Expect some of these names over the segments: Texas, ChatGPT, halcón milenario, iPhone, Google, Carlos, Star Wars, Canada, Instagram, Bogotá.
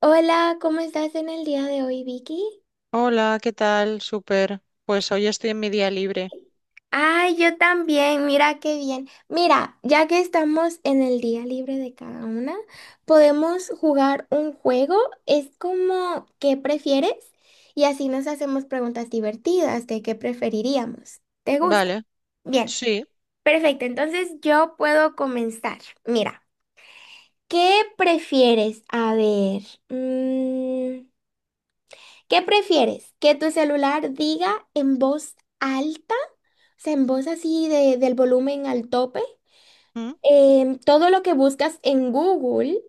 Hola, ¿cómo estás en el día de hoy, Vicky? Hola, ¿qué tal? Súper. Pues hoy estoy en mi día libre. Ay, yo también, mira qué bien. Mira, ya que estamos en el día libre de cada una, podemos jugar un juego. Es como, ¿qué prefieres? Y así nos hacemos preguntas divertidas de qué preferiríamos. ¿Te gusta? Vale, Bien, sí. perfecto. Entonces yo puedo comenzar. Mira, ¿qué prefieres? A ver, mm, ¿qué prefieres? ¿Que tu celular diga en voz alta, se en voz así del volumen al tope, ¿Mm? Todo lo que buscas en Google,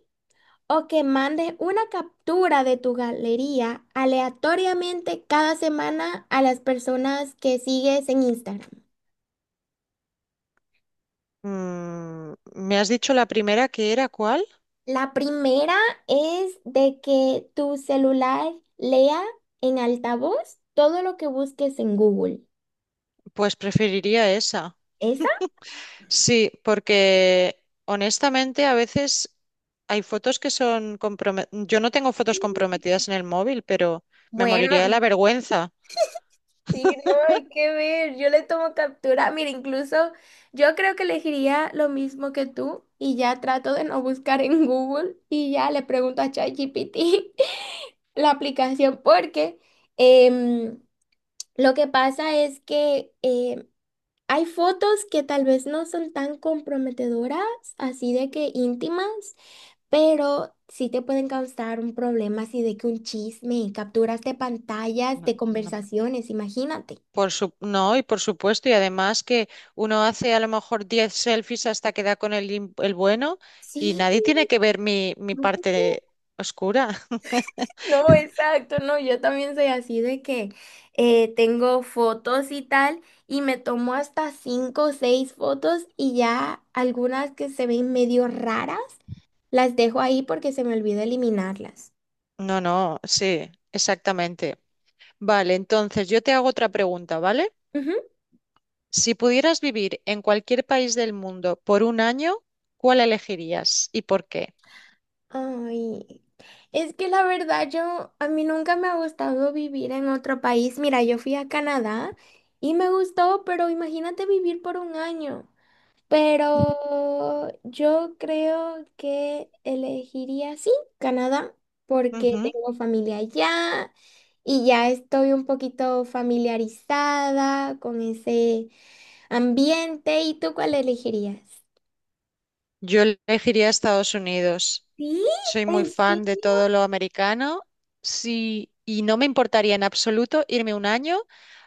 o que mandes una captura de tu galería aleatoriamente cada semana a las personas que sigues en Instagram? ¿Me has dicho la primera que era cuál? La primera es de que tu celular lea en altavoz todo lo que busques en Google. Pues preferiría esa. ¿Esa? Sí, porque honestamente a veces hay fotos que son comprometidas. Yo no tengo fotos comprometidas en el móvil, pero me moriría de Bueno. la vergüenza. Sí, no hay que ver, yo le tomo captura. Mira, incluso yo creo que elegiría lo mismo que tú, y ya trato de no buscar en Google y ya le pregunto a ChatGPT la aplicación, porque em, lo que pasa es que hay fotos que tal vez no son tan comprometedoras, así de que íntimas, pero sí te pueden causar un problema, así de que un chisme, capturas de pantallas, No, de no, conversaciones, imagínate. No, y por supuesto, y además que uno hace a lo mejor 10 selfies hasta que da con el bueno, y Sí, nadie tiene que ver mi parte oscura. no, exacto, no, yo también soy así de que tengo fotos y tal, y me tomo hasta cinco o seis fotos, y ya algunas que se ven medio raras, las dejo ahí porque se me olvida eliminarlas. No, no, sí, exactamente. Vale, entonces yo te hago otra pregunta, ¿vale? Ujú. Si pudieras vivir en cualquier país del mundo por un año, ¿cuál elegirías y por qué? Ay, es que la verdad yo, a mí nunca me ha gustado vivir en otro país. Mira, yo fui a Canadá y me gustó, pero imagínate vivir por un año. Pero yo creo que elegiría, sí, Canadá, porque Ujú. tengo familia allá y ya estoy un poquito familiarizada con ese ambiente. ¿Y tú cuál elegirías? Yo elegiría Estados Unidos. Sí, Soy muy ¿en fan de serio? todo lo americano. Sí, y no me importaría en absoluto irme un año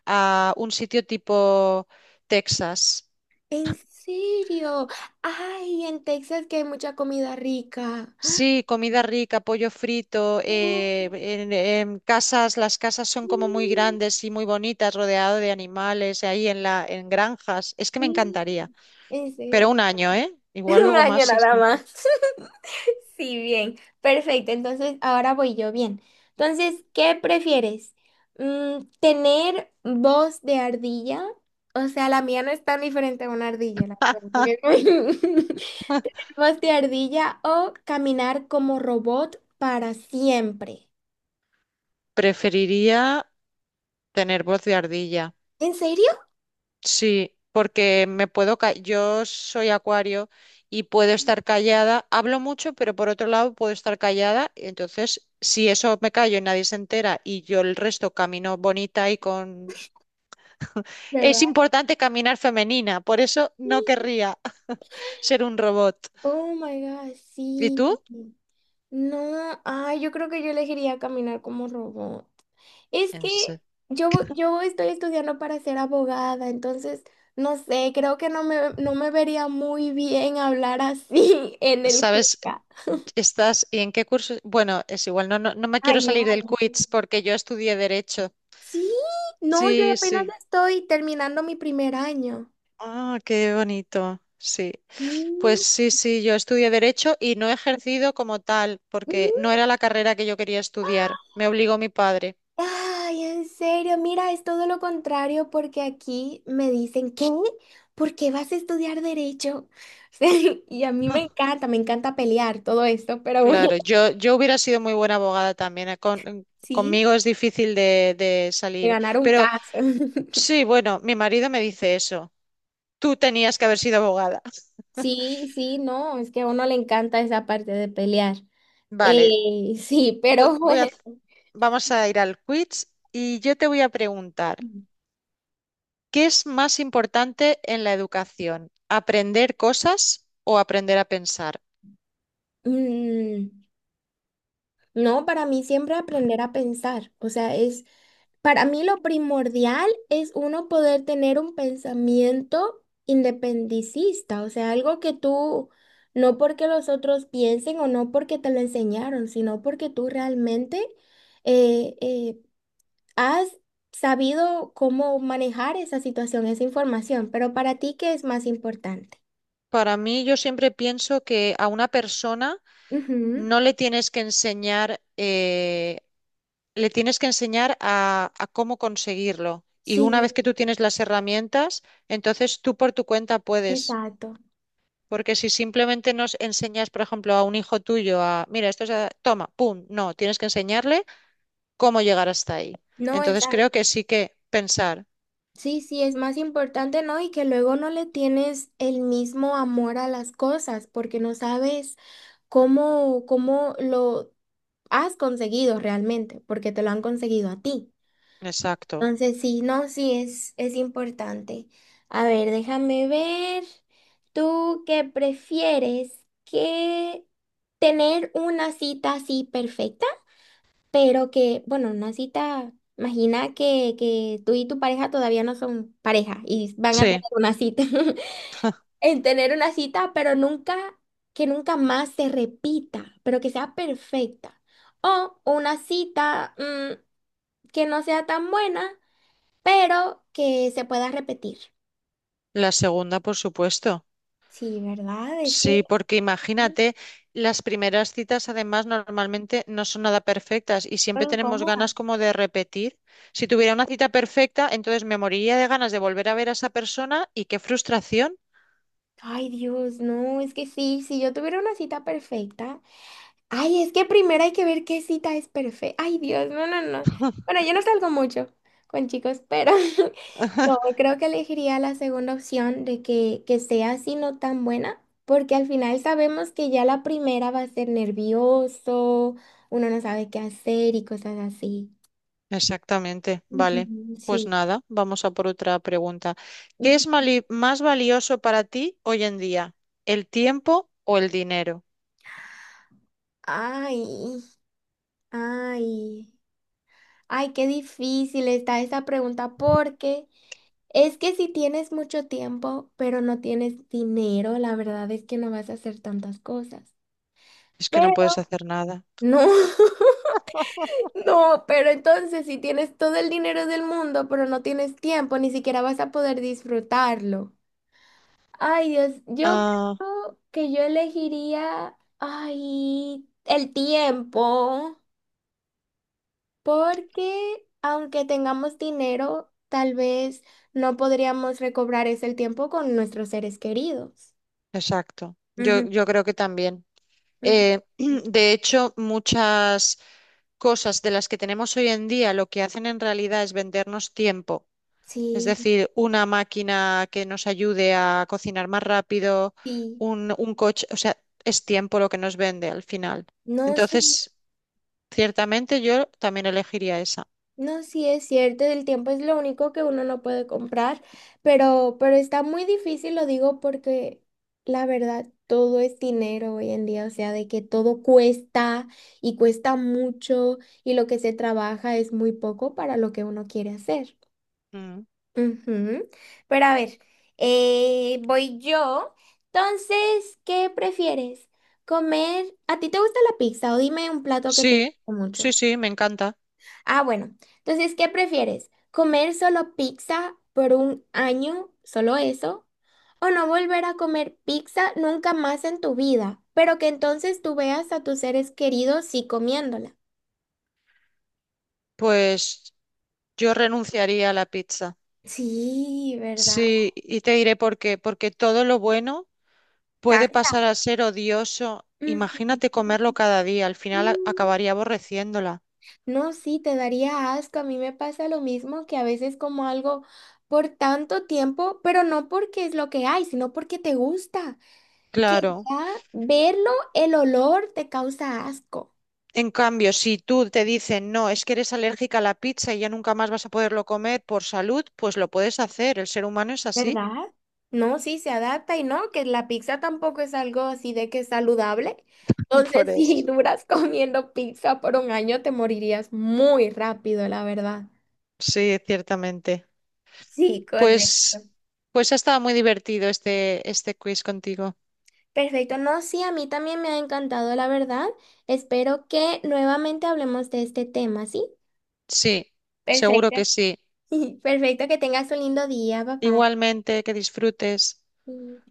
a un sitio tipo Texas. ¿En serio? Ay, en Texas que hay mucha comida rica. Sí, comida rica, pollo frito, Oh, en casas, las casas son como muy sí, grandes y muy bonitas, rodeado de animales, ahí en granjas. Es que me sí. encantaría. En Pero serio. un año, ¿eh? Igual Un luego año más nada esto. más. Sí, bien. Perfecto. Entonces, ahora voy yo, bien. Entonces, ¿qué prefieres? ¿Tener voz de ardilla? O sea, la mía no es tan diferente a una ardilla, la verdad, porque es ¿voz de ardilla o caminar como robot para siempre? Preferiría tener voz de ardilla. ¿En serio? Sí, porque me puedo yo soy acuario y puedo estar callada, hablo mucho, pero por otro lado puedo estar callada, y entonces si eso me callo y nadie se entera y yo el resto camino bonita y con. Es ¿Verdad? importante caminar femenina, por eso no Sí. querría ser un robot. Oh my God, ¿Y sí. tú? No, ay, yo creo que yo elegiría caminar como robot. Es En que se- yo estoy estudiando para ser abogada, entonces, no sé, creo que no me vería muy bien hablar así en el ¿Sabes? juzgado. ¿Estás y en qué curso? Bueno, es igual, no, no, no me quiero Año, salir del año. quiz porque yo estudié derecho. Sí, no, yo Sí, apenas sí. estoy terminando mi primer año. Ah, qué bonito. Sí. Pues Sí. sí, sí, yo estudié derecho y no he ejercido como tal, porque no era la carrera que yo quería estudiar. Me obligó mi padre. Ay, en serio, mira, es todo lo contrario, porque aquí me dicen, ¿qué? ¿Por qué vas a estudiar derecho? Sí, y a mí me encanta pelear todo esto, pero bueno, Claro, yo hubiera sido muy buena abogada también. Sí, Conmigo es difícil de de salir. ganar un Pero caso. sí, bueno, mi marido me dice eso. Tú tenías que haber sido abogada. Sí, sí, no, es que a uno le encanta esa parte de pelear. Vale, Sí, voy, pero voy a, bueno. vamos a ir al quiz y yo te voy a preguntar, ¿qué es más importante en la educación? ¿Aprender cosas o aprender a pensar? mm, No, para mí siempre aprender a pensar, o sea, es, para mí lo primordial es uno poder tener un pensamiento independicista, o sea, algo que tú, no porque los otros piensen o no porque te lo enseñaron, sino porque tú realmente eh, eh, has sabido cómo manejar esa situación, esa información. Pero para ti, ¿qué es más importante? Para mí, yo siempre pienso que a una persona Ujú, no le tienes que enseñar, le tienes que enseñar a cómo conseguirlo. Y una vez sí, que tú tienes las herramientas, entonces tú por tu cuenta puedes. exacto. Porque si simplemente nos enseñas, por ejemplo, a un hijo tuyo a, mira, esto es, toma, pum, no, tienes que enseñarle cómo llegar hasta ahí. No, es Entonces creo que sí que pensar. sí, sí, es más importante, ¿no? Y que luego no le tienes el mismo amor a las cosas porque no sabes cómo, cómo lo has conseguido realmente, porque te lo han conseguido a ti. Exacto. Entonces, sí, no, sí, es importante. A ver, déjame ver. ¿Tú qué prefieres? ¿Que tener una cita así perfecta? Pero que, bueno, una cita, imagina que tú y tu pareja todavía no son pareja y van a tener Sí, una cita, en tener una cita, pero nunca, que nunca más se repita, pero que sea perfecta. O una cita, que no sea tan buena, pero que se pueda repetir. la segunda, por supuesto. Sí, ¿verdad? Es que Sí, porque mm, imagínate, las primeras citas además normalmente no son nada perfectas y estoy siempre tenemos incómoda. ganas como de repetir. Si tuviera una cita perfecta, entonces me moriría de ganas de volver a ver a esa persona y qué frustración. Ay, Dios, no, es que sí, si yo tuviera una cita perfecta. Ay, es que primero hay que ver qué cita es perfecta. Ay, Dios, no, no, no. Bueno, yo no salgo mucho con chicos, pero no, creo que elegiría la segunda opción, de que sea así no tan buena, porque al final sabemos que ya la primera va a ser nervioso, uno no sabe qué hacer y cosas así. Exactamente, vale. Ujú, Pues sí. nada, vamos a por otra pregunta. ¿Qué Ujú. es más valioso para ti hoy en día? ¿El tiempo o el dinero? Ay, ay, ay, qué difícil está esa pregunta, porque... Es que si tienes mucho tiempo, pero no tienes dinero, la verdad es que no vas a hacer tantas cosas. Es que Pero no puedes hacer nada. no, no, pero entonces si tienes todo el dinero del mundo, pero no tienes tiempo, ni siquiera vas a poder disfrutarlo. Ay, Dios, yo Ah, creo que yo elegiría, ay, el tiempo, porque aunque tengamos dinero, tal vez no podríamos recobrar ese tiempo con nuestros seres queridos. exacto. Yo creo que también. Ujú. De hecho, muchas cosas de las que tenemos hoy en día lo que hacen en realidad es vendernos tiempo. Es Sí, decir, una máquina que nos ayude a cocinar más rápido, sí. un coche, o sea, es tiempo lo que nos vende al final. No, sí, Entonces, ciertamente yo también elegiría esa. no, sí es cierto, el tiempo es lo único que uno no puede comprar, pero está muy difícil, lo digo porque la verdad todo es dinero hoy en día, o sea, de que todo cuesta y cuesta mucho, y lo que se trabaja es muy poco para lo que uno quiere hacer. Mm. Ujú. Pero a ver, voy yo. Entonces, ¿qué prefieres? ¿Comer? ¿A ti te gusta la pizza, o dime un plato que te guste Sí, mucho? sí, sí, me encanta. Ah, bueno. Entonces, ¿qué prefieres? ¿Comer solo pizza por un año, solo eso? ¿O no volver a comer pizza nunca más en tu vida, pero que entonces tú veas a tus seres queridos sí comiéndola? Pues yo renunciaría a la pizza. Sí, ¿verdad? Sí, y te diré por qué. Porque todo lo bueno puede Cansa. pasar a ser odioso. Imagínate comerlo cada día, al final Ujú. acabaría aborreciéndola. No, sí, te daría asco. A mí me pasa lo mismo, que a veces como algo por tanto tiempo, pero no porque es lo que hay, sino porque te gusta. Claro. Ya verlo, el olor te causa asco. En cambio, si tú te dicen, no, es que eres alérgica a la pizza y ya nunca más vas a poderlo comer por salud, pues lo puedes hacer. El ser humano es así. ¿Verdad? No, sí, se adapta. Y no, que la pizza tampoco es algo así de que es saludable. Por Entonces, si eso. duras comiendo pizza por un año, te morirías muy rápido, la verdad. Sí, ciertamente. Sí, correcto. Pues, pues ha estado muy divertido este quiz contigo. Perfecto, no, sí, a mí también me ha encantado, la verdad. Espero que nuevamente hablemos de este tema, ¿sí? Sí, seguro Perfecto. que sí. Perfecto, que tengas un lindo día, papá. Igualmente, que disfrutes.